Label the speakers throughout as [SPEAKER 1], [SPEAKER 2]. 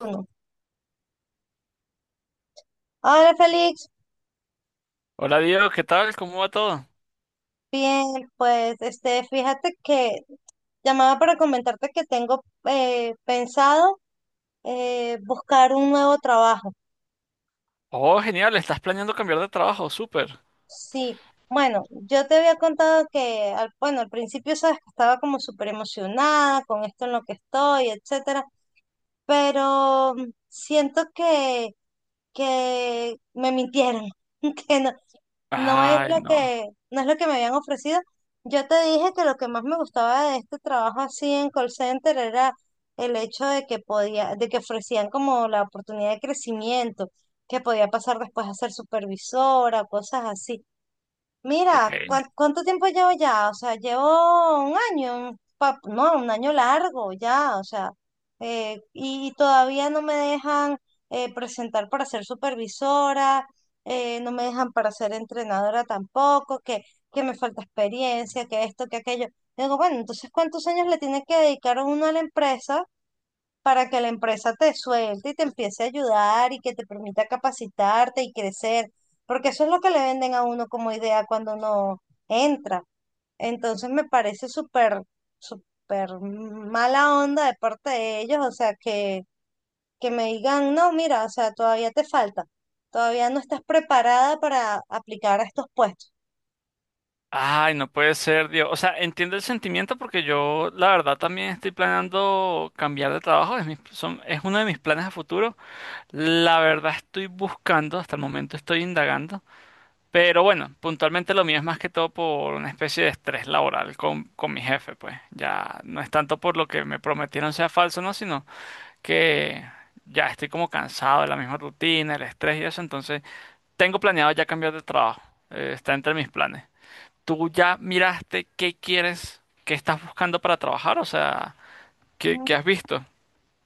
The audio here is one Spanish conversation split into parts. [SPEAKER 1] Uno. Hola Félix,
[SPEAKER 2] Hola Diego, ¿qué tal? ¿Cómo va todo?
[SPEAKER 1] bien, pues fíjate que llamaba para comentarte que tengo pensado buscar un nuevo trabajo.
[SPEAKER 2] Oh, genial, estás planeando cambiar de trabajo, súper.
[SPEAKER 1] Sí, bueno, yo te había contado que, al, bueno, al principio sabes que estaba como súper emocionada con esto en lo que estoy, etcétera, pero siento que me mintieron, que no, no es
[SPEAKER 2] Ay,
[SPEAKER 1] lo
[SPEAKER 2] no,
[SPEAKER 1] no es lo que me habían ofrecido. Yo te dije que lo que más me gustaba de este trabajo así en call center era el hecho de que podía, de que ofrecían como la oportunidad de crecimiento que podía pasar después a ser supervisora, cosas así.
[SPEAKER 2] ok.
[SPEAKER 1] Mira, ¿cuánto tiempo llevo ya? O sea, llevo un año, no, un año largo ya, o sea, y todavía no me dejan presentar para ser supervisora, no me dejan para ser entrenadora tampoco, que me falta experiencia, que esto, que aquello. Yo digo, bueno, entonces, ¿cuántos años le tiene que dedicar uno a la empresa para que la empresa te suelte y te empiece a ayudar y que te permita capacitarte y crecer, porque eso es lo que le venden a uno como idea cuando uno entra? Entonces me parece súper, súper mala onda de parte de ellos, o sea, que me digan, no, mira, o sea, todavía te falta, todavía no estás preparada para aplicar a estos puestos.
[SPEAKER 2] Ay, no puede ser, Diego. O sea, entiendo el sentimiento porque yo, la verdad, también estoy planeando cambiar de trabajo. Es mi- son- es uno de mis planes a futuro. La verdad, estoy buscando, hasta el momento estoy indagando. Pero bueno, puntualmente lo mío es más que todo por una especie de estrés laboral con mi jefe, pues. Ya no es tanto por lo que me prometieron sea falso, ¿no? Sino que ya estoy como cansado de la misma rutina, el estrés y eso, entonces tengo planeado ya cambiar de trabajo. Está entre mis planes. ¿Tú ya miraste qué quieres, qué estás buscando para trabajar? O sea, ¿qué,
[SPEAKER 1] Mm,
[SPEAKER 2] qué has visto?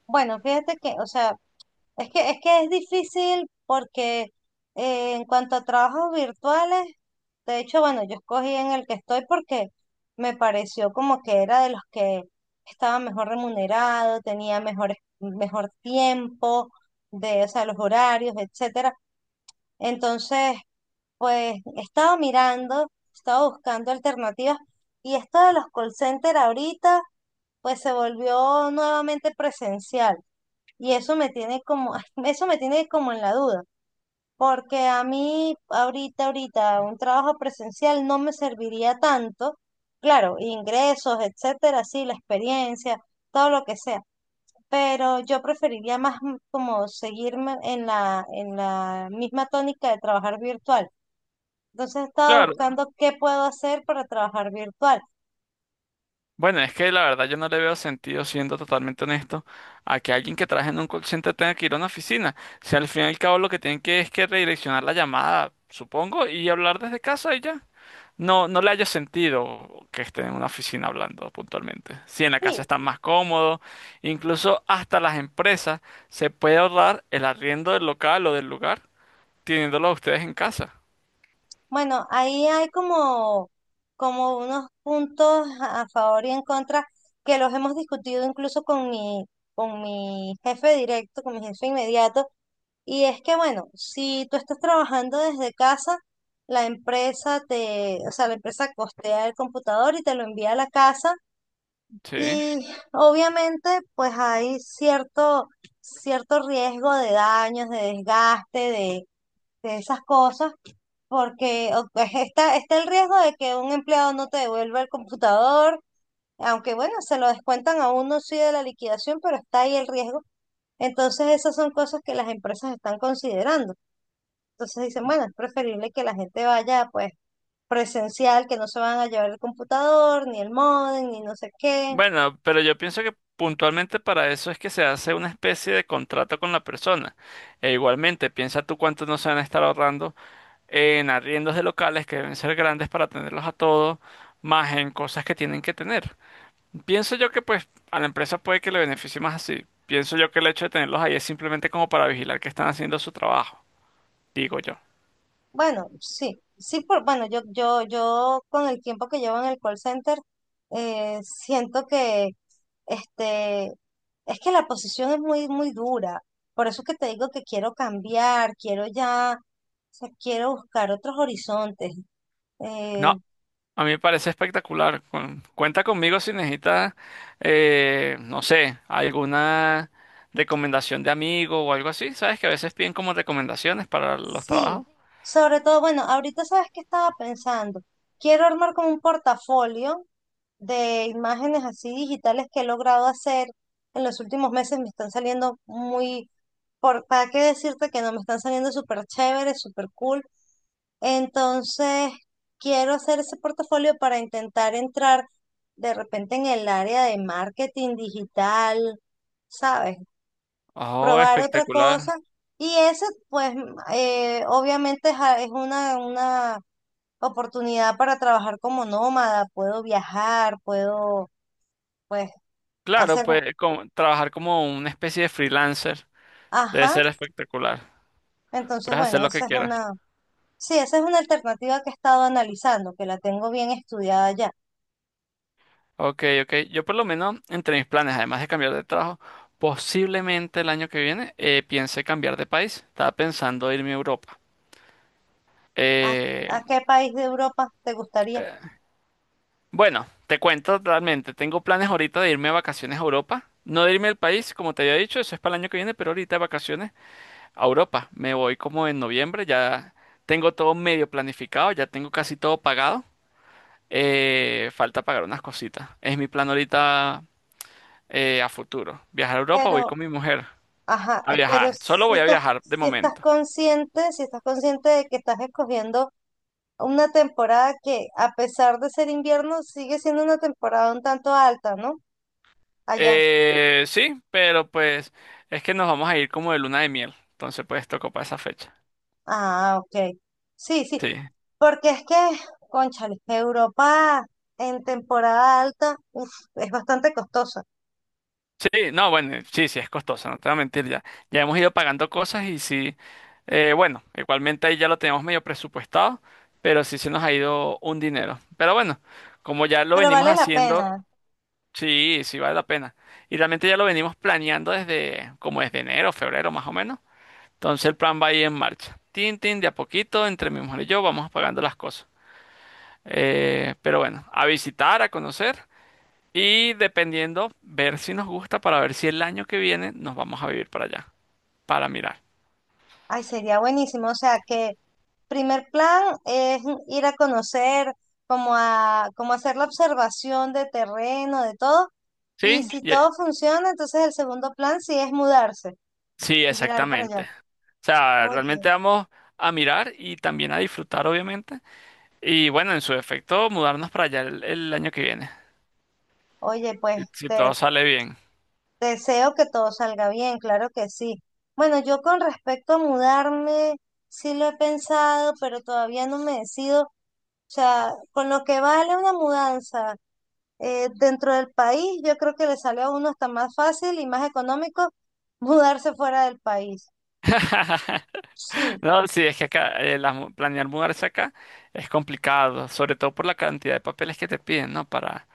[SPEAKER 1] Bueno, fíjate que, o sea, es es que es difícil porque en cuanto a trabajos virtuales, de hecho, bueno, yo escogí en el que estoy porque me pareció como que era de los que estaba mejor remunerado, tenía mejor, mejor tiempo, de, o sea, los horarios, etcétera. Entonces, pues estaba mirando, estaba buscando alternativas, y esto de los call centers ahorita, pues se volvió nuevamente presencial. Y eso me tiene como, eso me tiene como en la duda, porque a mí ahorita, ahorita, un trabajo presencial no me serviría tanto, claro, ingresos, etcétera, sí, la experiencia, todo lo que sea, pero yo preferiría como seguirme en en la misma tónica de trabajar virtual. Entonces he estado
[SPEAKER 2] Claro.
[SPEAKER 1] buscando qué puedo hacer para trabajar virtual.
[SPEAKER 2] Bueno, es que la verdad yo no le veo sentido, siendo totalmente honesto, a que alguien que trabaje en un call center tenga que ir a una oficina. Si al fin y al cabo lo que tienen que es que redireccionar la llamada, supongo, y hablar desde casa y ya. No, no le haya sentido que estén en una oficina hablando puntualmente. Si en la casa
[SPEAKER 1] Sí,
[SPEAKER 2] están más cómodos, incluso hasta las empresas se puede ahorrar el arriendo del local o del lugar teniéndolo a ustedes en casa.
[SPEAKER 1] bueno, ahí hay como, como unos puntos a favor y en contra que los hemos discutido incluso con mi jefe directo, con mi jefe inmediato. Y es que, bueno, si tú estás trabajando desde casa, la empresa o sea, la empresa costea el computador y te lo envía a la casa.
[SPEAKER 2] Sí.
[SPEAKER 1] Y obviamente, pues hay cierto, cierto riesgo de daños, de desgaste, de esas cosas porque pues, está el riesgo de que un empleado no te devuelva el computador, aunque bueno, se lo descuentan a uno sí de la liquidación, pero está ahí el riesgo. Entonces esas son cosas que las empresas están considerando. Entonces dicen, bueno, es preferible que la gente vaya pues presencial, que no se van a llevar el computador, ni el módem, ni no sé qué.
[SPEAKER 2] Bueno, pero yo pienso que puntualmente para eso es que se hace una especie de contrato con la persona. E igualmente, piensa tú cuánto no se van a estar ahorrando en arriendos de locales que deben ser grandes para tenerlos a todos, más en cosas que tienen que tener. Pienso yo que pues a la empresa puede que le beneficie más así. Pienso yo que el hecho de tenerlos ahí es simplemente como para vigilar que están haciendo su trabajo, digo yo.
[SPEAKER 1] Bueno, sí, sí, por, bueno, yo con el tiempo que llevo en el call center, siento que este, es que la posición es muy, muy dura. Por eso que te digo que quiero cambiar, quiero ya, o sea, quiero buscar otros horizontes. Eh,
[SPEAKER 2] No, a mí me parece espectacular. Con- cuenta conmigo si necesitas, no sé, alguna recomendación de amigo o algo así. ¿Sabes que a veces piden como recomendaciones para los
[SPEAKER 1] Sí,
[SPEAKER 2] trabajos?
[SPEAKER 1] sobre todo, bueno, ahorita sabes que estaba pensando. Quiero armar como un portafolio de imágenes así digitales que he logrado hacer en los últimos meses. Me están saliendo muy, por, ¿para qué decirte que no? Me están saliendo súper chéveres, súper cool. Entonces, quiero hacer ese portafolio para intentar entrar de repente en el área de marketing digital, ¿sabes?
[SPEAKER 2] Oh,
[SPEAKER 1] Probar otra
[SPEAKER 2] espectacular.
[SPEAKER 1] cosa. Y eso, pues, obviamente es, es una oportunidad para trabajar como nómada, puedo viajar, puedo, pues,
[SPEAKER 2] Claro,
[SPEAKER 1] hacer,
[SPEAKER 2] pues como- trabajar como una especie de freelancer debe
[SPEAKER 1] ajá.
[SPEAKER 2] ser espectacular.
[SPEAKER 1] Entonces,
[SPEAKER 2] Puedes
[SPEAKER 1] bueno,
[SPEAKER 2] hacer lo que
[SPEAKER 1] esa es
[SPEAKER 2] quieras.
[SPEAKER 1] una, sí, esa es una alternativa que he estado analizando, que la tengo bien estudiada ya.
[SPEAKER 2] Ok, ok. Yo por lo menos, entre mis planes, además de cambiar de trabajo, posiblemente el año que viene piense cambiar de país. Estaba pensando irme a Europa.
[SPEAKER 1] ¿A,
[SPEAKER 2] Eh,
[SPEAKER 1] a qué país de Europa te gustaría?
[SPEAKER 2] bueno, te cuento realmente, tengo planes ahorita de irme a vacaciones a Europa. No de irme al país, como te había dicho, eso es para el año que viene, pero ahorita de vacaciones a Europa. Me voy como en noviembre, ya tengo todo medio planificado, ya tengo casi todo pagado. Falta pagar unas cositas. Es mi plan ahorita a futuro. Viajar a Europa, voy
[SPEAKER 1] Pero,
[SPEAKER 2] con mi mujer.
[SPEAKER 1] ajá,
[SPEAKER 2] A
[SPEAKER 1] pero
[SPEAKER 2] viajar, solo
[SPEAKER 1] si
[SPEAKER 2] voy a
[SPEAKER 1] estás,
[SPEAKER 2] viajar de
[SPEAKER 1] si estás
[SPEAKER 2] momento.
[SPEAKER 1] consciente, si estás consciente de que estás escogiendo una temporada que, a pesar de ser invierno, sigue siendo una temporada un tanto alta, ¿no? Allá.
[SPEAKER 2] Sí, pero pues es que nos vamos a ir como de luna de miel, entonces pues tocó para esa fecha.
[SPEAKER 1] Ah, ok. Sí, sí.
[SPEAKER 2] Sí,
[SPEAKER 1] Porque es que, cónchale, Europa en temporada alta, uf, es bastante costosa,
[SPEAKER 2] sí, no, bueno, sí, sí, es costoso, no te voy a mentir ya. Ya hemos ido pagando cosas y sí, bueno, igualmente ahí ya lo tenemos medio presupuestado, pero sí se nos ha ido un dinero. Pero bueno, como ya lo
[SPEAKER 1] pero
[SPEAKER 2] venimos
[SPEAKER 1] vale la
[SPEAKER 2] haciendo,
[SPEAKER 1] pena.
[SPEAKER 2] sí, sí vale la pena. Y realmente ya lo venimos planeando desde como desde enero, febrero más o menos. Entonces el plan va ahí en marcha. Tin, tin, de a poquito, entre mi mujer y yo vamos apagando las cosas. Pero bueno, a visitar, a conocer y dependiendo, ver si nos gusta para ver si el año que viene nos vamos a vivir para allá, para mirar.
[SPEAKER 1] Ay, sería buenísimo. O sea que primer plan es ir a conocer, como a, como hacer la observación de terreno, de todo. Y
[SPEAKER 2] ¿Sí?
[SPEAKER 1] si
[SPEAKER 2] Ye-
[SPEAKER 1] todo funciona, entonces el segundo plan sí es mudarse,
[SPEAKER 2] Sí,
[SPEAKER 1] migrar para
[SPEAKER 2] exactamente.
[SPEAKER 1] allá.
[SPEAKER 2] O sea, realmente
[SPEAKER 1] Oye,
[SPEAKER 2] vamos a mirar y también a disfrutar, obviamente. Y bueno, en su efecto, mudarnos para allá el año que viene,
[SPEAKER 1] oye, pues
[SPEAKER 2] si si todo
[SPEAKER 1] te,
[SPEAKER 2] sale bien.
[SPEAKER 1] te deseo que todo salga bien, claro que sí. Bueno, yo con respecto a mudarme, sí lo he pensado, pero todavía no me decido. O sea, con lo que vale una mudanza dentro del país, yo creo que le sale a uno hasta más fácil y más económico mudarse fuera del país. Sí,
[SPEAKER 2] No, sí, es que acá las mu- planear mudarse acá es complicado, sobre todo por la cantidad de papeles que te piden, ¿no?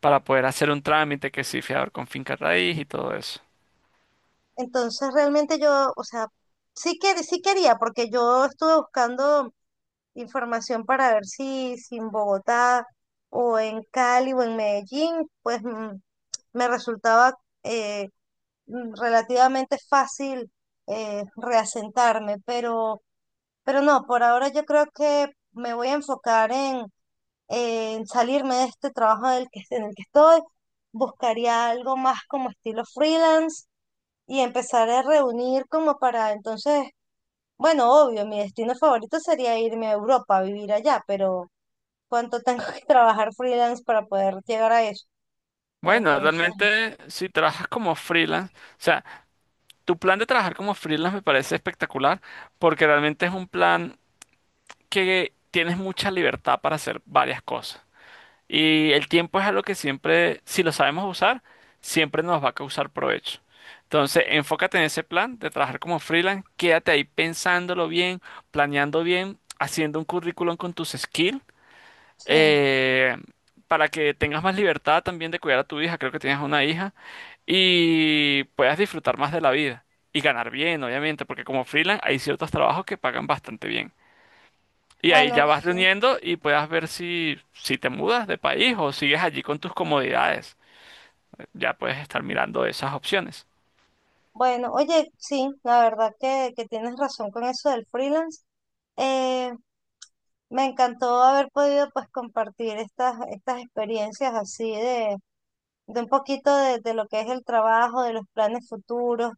[SPEAKER 2] Para poder hacer un trámite que sí, fiador con finca raíz y todo eso.
[SPEAKER 1] entonces realmente yo, o sea, sí sí quería, porque yo estuve buscando información para ver si, si en Bogotá o en Cali o en Medellín, pues me resultaba eh, relativamente fácil reasentarme, pero no, por ahora yo creo que me voy a enfocar en salirme de este trabajo del que, en el que estoy, buscaría algo más como estilo freelance y empezar a reunir como para entonces... Bueno, obvio, mi destino favorito sería irme a Europa a vivir allá, pero, cuánto tengo que trabajar freelance para poder llegar a eso.
[SPEAKER 2] Bueno,
[SPEAKER 1] Entonces,
[SPEAKER 2] realmente si trabajas como freelance, o sea, tu plan de trabajar como freelance me parece espectacular porque realmente es un plan que tienes mucha libertad para hacer varias cosas. Y el tiempo es algo que siempre, si lo sabemos usar, siempre nos va a causar provecho. Entonces, enfócate en ese plan de trabajar como freelance, quédate ahí pensándolo bien, planeando bien, haciendo un currículum con tus skills,
[SPEAKER 1] sí,
[SPEAKER 2] eh, para que tengas más libertad también de cuidar a tu hija, creo que tienes una hija, y puedas disfrutar más de la vida y ganar bien, obviamente, porque como freelance hay ciertos trabajos que pagan bastante bien. Y ahí ya
[SPEAKER 1] bueno,
[SPEAKER 2] vas
[SPEAKER 1] sí.
[SPEAKER 2] reuniendo y puedas ver si, si te mudas de país o sigues allí con tus comodidades. Ya puedes estar mirando esas opciones.
[SPEAKER 1] Bueno, oye, sí, la verdad que tienes razón con eso del freelance. Eh, me encantó haber podido pues compartir estas, estas experiencias así de un poquito de lo que es el trabajo, de los planes futuros,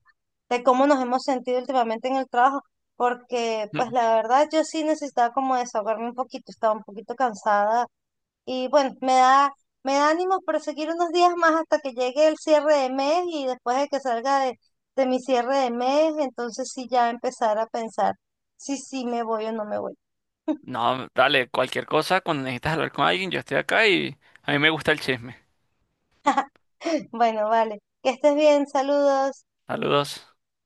[SPEAKER 1] de cómo nos hemos sentido últimamente en el trabajo, porque pues
[SPEAKER 2] Mm.
[SPEAKER 1] la verdad yo sí necesitaba como desahogarme un poquito, estaba un poquito cansada. Y bueno, me da ánimo proseguir unos días más hasta que llegue el cierre de mes y después de que salga de mi cierre de mes, entonces sí ya empezar a pensar si sí me voy o no me voy.
[SPEAKER 2] No, dale, cualquier cosa, cuando necesitas hablar con alguien, yo estoy acá y a mí me gusta el chisme.
[SPEAKER 1] Bueno, vale, que estés bien, saludos.
[SPEAKER 2] Saludos.